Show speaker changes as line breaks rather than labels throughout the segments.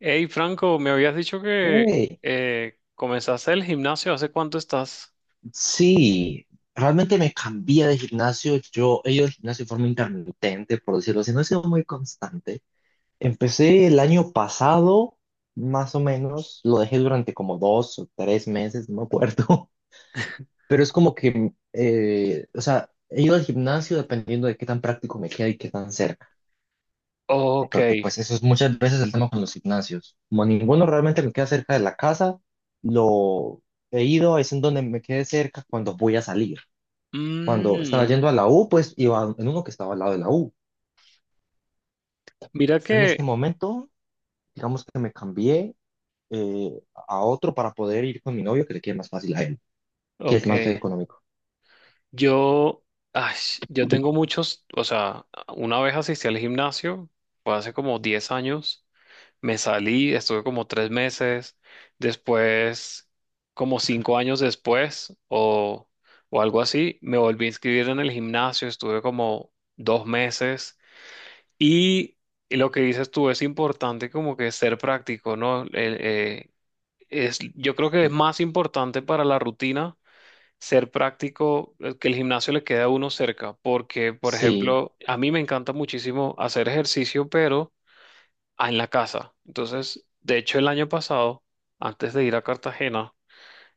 Hey, Franco, me habías dicho que
Hey,
comenzaste el gimnasio. ¿Hace cuánto estás?
sí, realmente me cambié de gimnasio. Yo he ido al gimnasio de forma intermitente, por decirlo así, no he sido muy constante. Empecé el año pasado, más o menos, lo dejé durante como dos o tres meses, no me acuerdo. Pero es como que, o sea, he ido al gimnasio dependiendo de qué tan práctico me queda y qué tan cerca. ¿No?
Ok.
Porque pues eso es muchas veces el tema con los gimnasios. Como ninguno realmente me queda cerca de la casa, lo he ido, es en donde me quede cerca cuando voy a salir. Cuando estaba
Mm,
yendo a la U, pues iba en uno que estaba al lado de la U.
mira
En
que,
este momento, digamos que me cambié a otro para poder ir con mi novio, que le quede más fácil a él, que es
ok,
más económico.
yo, ay, yo tengo muchos, o sea, una vez asistí al gimnasio, fue hace como 10 años, me salí, estuve como 3 meses, después, como 5 años después, o algo así, me volví a inscribir en el gimnasio, estuve como 2 meses. Y lo que dices tú es importante, como que ser práctico, ¿no? Es, yo creo que es
Sí.
más importante para la rutina ser práctico, que el gimnasio le quede a uno cerca, porque, por
Sí,
ejemplo, a mí me encanta muchísimo hacer ejercicio, pero en la casa. Entonces, de hecho, el año pasado, antes de ir a Cartagena,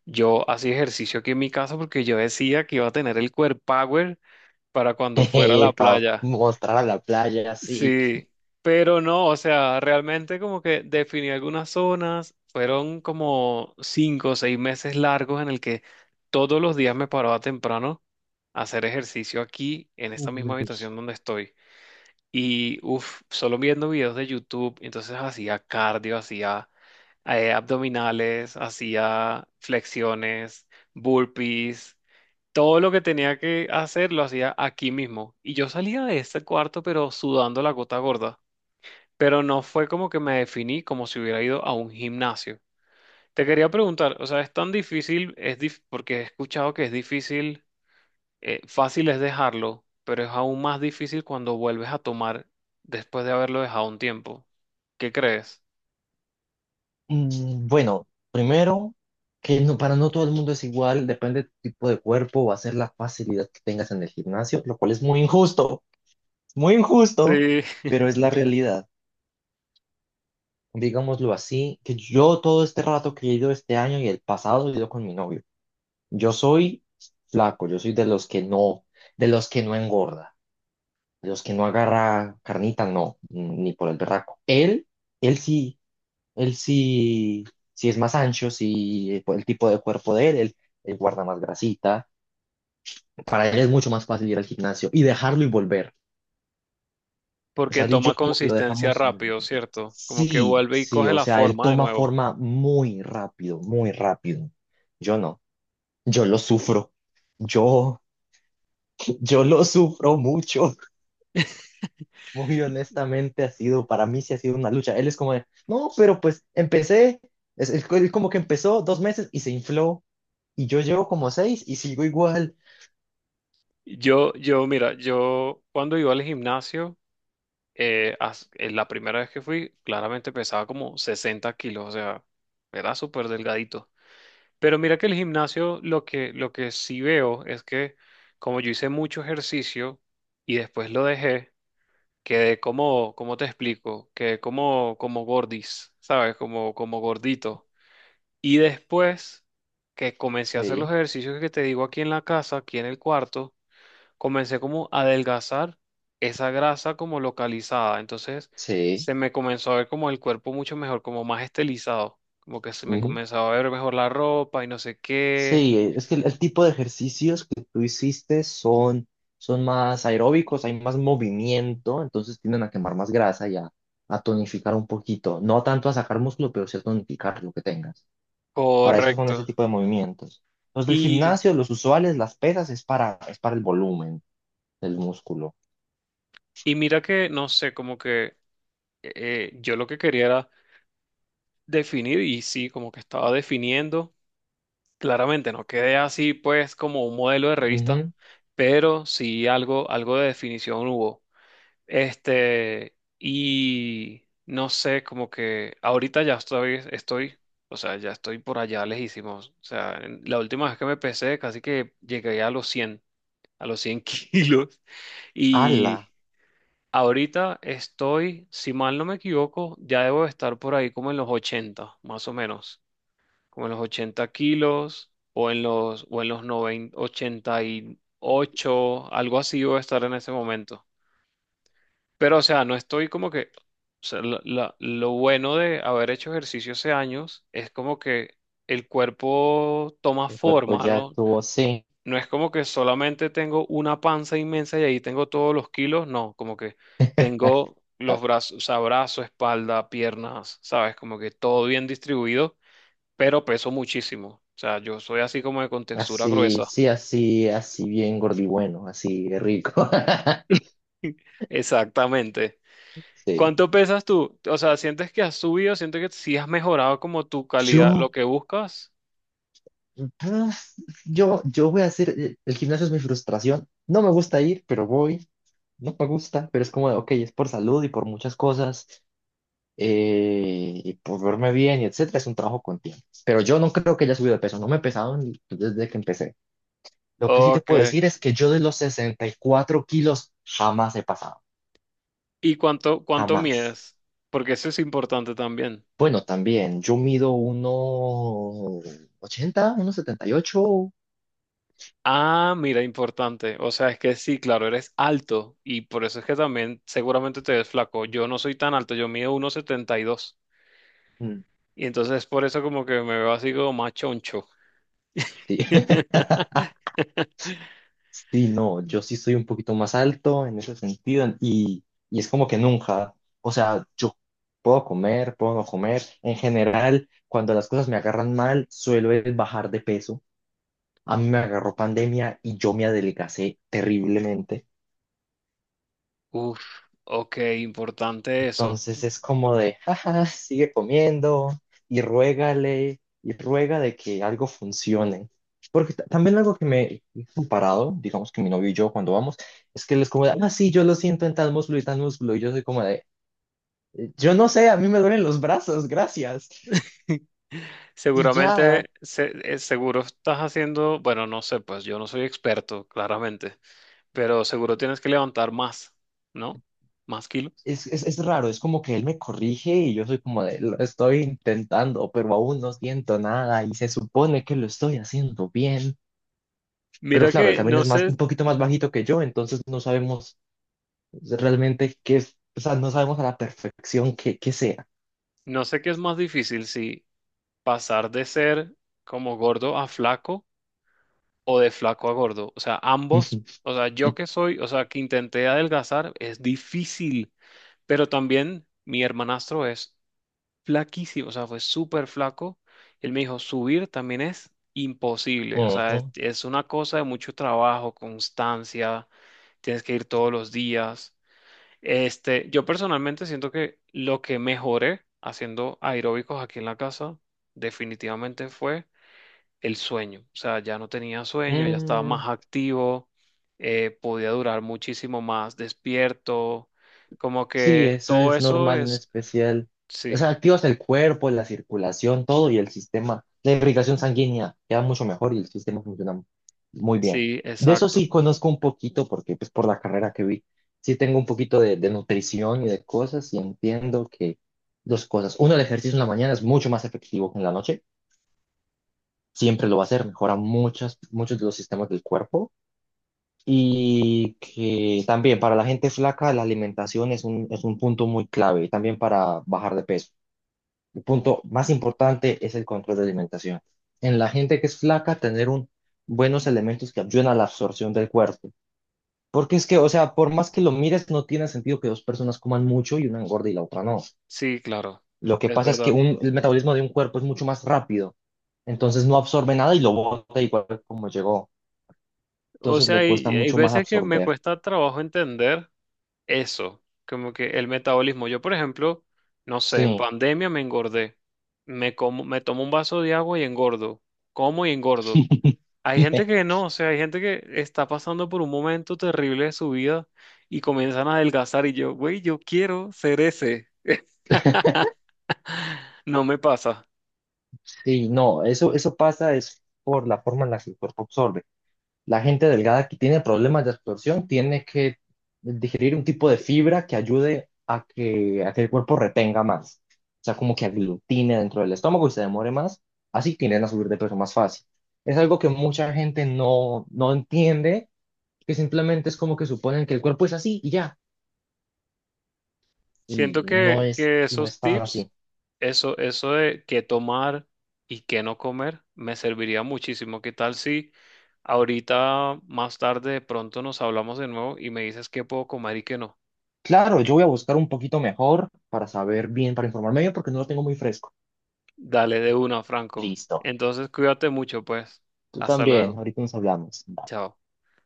yo hacía ejercicio aquí en mi casa porque yo decía que iba a tener el core power para cuando fuera a la
para
playa.
mostrar a la playa, sí.
Sí, pero no, o sea, realmente como que definí algunas zonas, fueron como 5 o 6 meses largos en el que todos los días me paraba temprano a hacer ejercicio aquí en esta misma
Uy.
habitación donde estoy. Y uff, solo viendo videos de YouTube, entonces hacía cardio, hacía abdominales, hacía flexiones, burpees. Todo lo que tenía que hacer lo hacía aquí mismo. Y yo salía de ese cuarto, pero sudando la gota gorda. Pero no fue como que me definí como si hubiera ido a un gimnasio. Te quería preguntar, o sea, es tan difícil, porque he escuchado que es difícil, fácil es dejarlo, pero es aún más difícil cuando vuelves a tomar después de haberlo dejado un tiempo. ¿Qué crees?
Mm. Bueno, primero, que no, para no todo el mundo es igual, depende de tu tipo de cuerpo, va a ser la facilidad que tengas en el gimnasio, lo cual es muy injusto,
Sí.
pero es la realidad. Digámoslo así, que yo todo este rato que he ido este año y el pasado he ido con mi novio. Yo soy flaco, yo soy de los que no, de los que no engorda, de los que no agarra carnita, no, ni por el berraco. Él, él sí, él sí, sí es más ancho, sí, por el tipo de cuerpo de él, él guarda más grasita. Para él es mucho más fácil ir al gimnasio y dejarlo y volver. O
Porque
sea, él y yo
toma
como que lo
consistencia
dejamos.
rápido, ¿cierto? Como que
Sí,
vuelve y
sí,
coge
o
la
sea, él
forma de
toma
nuevo.
forma muy rápido, muy rápido. Yo no, yo lo sufro. Yo, yo lo sufro mucho. Muy honestamente ha sido, para mí sí ha sido una lucha. Él es como de, no, pero pues empecé, él como que empezó dos meses y se infló. Y yo llevo como seis y sigo igual.
Yo, mira, yo cuando iba al gimnasio, en la primera vez que fui, claramente pesaba como 60 kilos, o sea, era súper delgadito. Pero mira que el gimnasio, lo que sí veo es que como yo hice mucho ejercicio y después lo dejé, quedé como, ¿cómo te explico? Quedé como, como gordis, ¿sabes? Como, como gordito. Y después que comencé a hacer los
Sí,
ejercicios que te digo aquí en la casa, aquí en el cuarto, comencé como a adelgazar esa grasa como localizada. Entonces
sí.
se me comenzó a ver como el cuerpo mucho mejor, como más estilizado, como que se me comenzaba a ver mejor la ropa y no sé qué.
Sí, es que el tipo de ejercicios que tú hiciste son, son más aeróbicos, hay más movimiento, entonces tienden a quemar más grasa y a tonificar un poquito. No tanto a sacar músculo, pero sí a tonificar lo que tengas. Para eso son
Correcto.
ese tipo de movimientos. Los del
Y,
gimnasio, los usuales, las pesas, es para el volumen del músculo.
y mira que, no sé, como que yo lo que quería era definir y sí, como que estaba definiendo. Claramente no quedé así pues como un modelo de revista,
Ujú.
pero sí algo, algo de definición hubo. Este, y no sé, como que ahorita ya estoy, o sea, ya estoy por allá lejísimos. O sea, la última vez que me pesé, casi que llegué a los 100, a los 100 kilos.
Ala,
Y ahorita estoy, si mal no me equivoco, ya debo estar por ahí como en los 80, más o menos. Como en los 80 kilos o en o en los 90, 88, algo así voy a estar en ese momento. Pero, o sea, no estoy como que, o sea, lo bueno de haber hecho ejercicio hace años es como que el cuerpo toma
el cuerpo
forma,
ya
¿no?
tuvo, sí,
No es como que solamente tengo una panza inmensa y ahí tengo todos los kilos, no, como que tengo los
as-
brazos, o sea, brazo, espalda, piernas, ¿sabes? Como que todo bien distribuido, pero peso muchísimo. O sea, yo soy así como de contextura
así,
gruesa.
sí, así, así bien gordibueno, así rico.
Exactamente.
Sí.
¿Cuánto pesas tú? O sea, ¿sientes que has subido? ¿Sientes que sí has mejorado como tu calidad,
Yo.
lo que buscas?
Pues, yo voy a hacer, el gimnasio es mi frustración. No me gusta ir, pero voy. No me gusta, pero es como de, ok, es por salud y por muchas cosas, y por verme bien y etcétera. Es un trabajo con tiempo. Pero yo no creo que haya subido de peso. No me he pesado desde que empecé. Lo que sí te
Ok.
puedo decir es que yo de los 64 kilos jamás he pasado.
¿Y cuánto, cuánto
Jamás.
mides? Porque eso es importante también.
Bueno, también, yo mido 1,80, 1,78.
Ah, mira, importante. O sea, es que sí, claro, eres alto y por eso es que también seguramente te ves flaco. Yo no soy tan alto, yo mido 1,72 y dos.
mm,
Y entonces por eso como que me veo así como más choncho.
Sí. Sí, no, yo sí soy un poquito más alto en ese sentido y es como que nunca, o sea, yo puedo comer, puedo no comer. En general, cuando las cosas me agarran mal, suelo es bajar de peso. A mí me agarró pandemia y yo me adelgacé terriblemente.
Uf, ok, importante eso.
Entonces es como de, jaja, sigue comiendo y ruégale y ruega de que algo funcione. Porque también algo que me he comparado, digamos que mi novio y yo cuando vamos, es que él es como de, ah, sí, yo lo siento en tal músculo. Y yo soy como de, yo no sé, a mí me duelen los brazos, gracias. Y ya,
Seguramente, seguro estás haciendo, bueno, no sé, pues yo no soy experto, claramente, pero seguro tienes que levantar más, ¿no? Más kilos.
es raro, es como que él me corrige y yo soy como de, lo estoy intentando, pero aún no siento nada y se supone que lo estoy haciendo bien. Pero
Mira
claro, él
que
también
no
es más,
sé,
un poquito más bajito que yo, entonces no sabemos realmente qué es, o sea, no sabemos a la perfección qué, qué sea.
no sé qué es más difícil, si pasar de ser como gordo a flaco o de flaco a gordo. O sea, ambos, o sea, yo que soy, o sea, que intenté adelgazar, es difícil, pero también mi hermanastro es flaquísimo, o sea, fue súper flaco. Él me dijo, subir también es imposible, o sea,
Ujú.
es una cosa de mucho trabajo, constancia, tienes que ir todos los días. Este, yo personalmente siento que lo que mejoré haciendo aeróbicos aquí en la casa definitivamente fue el sueño, o sea, ya no tenía sueño, ya estaba
Mm.
más activo, podía durar muchísimo más despierto, como
Sí,
que
eso
todo
es
eso
normal en
es,
especial. O
sí.
sea, activas el cuerpo, la circulación, todo y el sistema. La irrigación sanguínea queda mucho mejor y el sistema funciona muy bien.
Sí,
De eso
exacto.
sí conozco un poquito porque pues por la carrera que vi, sí tengo un poquito de nutrición y de cosas y entiendo que dos cosas. Uno, el ejercicio en la mañana es mucho más efectivo que en la noche. Siempre lo va a ser, mejora muchas, muchos de los sistemas del cuerpo. Y que también para la gente flaca la alimentación es un punto muy clave, y también para bajar de peso. El punto más importante es el control de alimentación. En la gente que es flaca, tener un, buenos elementos que ayuden a la absorción del cuerpo. Porque es que, o sea, por más que lo mires, no tiene sentido que dos personas coman mucho y una engorde y la otra no.
Sí, claro,
Lo que
es
pasa es que
verdad.
el metabolismo de un cuerpo es mucho más rápido, entonces no absorbe nada y lo bota igual como llegó.
O
Entonces
sea,
le cuesta
hay
mucho más
veces que me
absorber.
cuesta trabajo entender eso, como que el metabolismo. Yo, por ejemplo, no sé, en
Sí.
pandemia me engordé. Me como, me tomo un vaso de agua y engordo. Como y engordo. Hay gente que no, o sea, hay gente que está pasando por un momento terrible de su vida y comienzan a adelgazar y yo, güey, yo quiero ser ese. No me pasa.
Sí, no, eso pasa es por la forma en la que el cuerpo absorbe. La gente delgada que tiene problemas de absorción tiene que digerir un tipo de fibra que ayude a que el cuerpo retenga más. O sea, como que aglutine dentro del estómago y se demore más. Así tienden a subir de peso más fácil. Es algo que mucha gente no, no entiende, que simplemente es como que suponen que el cuerpo es así y ya.
Siento que,
Y no
esos
es tan
tips,
así.
eso de qué tomar y qué no comer, me serviría muchísimo. ¿Qué tal si ahorita más tarde de pronto nos hablamos de nuevo y me dices qué puedo comer y qué no?
Claro, yo voy a buscar un poquito mejor para saber bien, para informarme bien, porque no lo tengo muy fresco.
Dale de una, Franco.
Listo.
Entonces cuídate mucho, pues.
Tú
Hasta
también.
luego.
Ahorita nos hablamos. Bye.
Chao.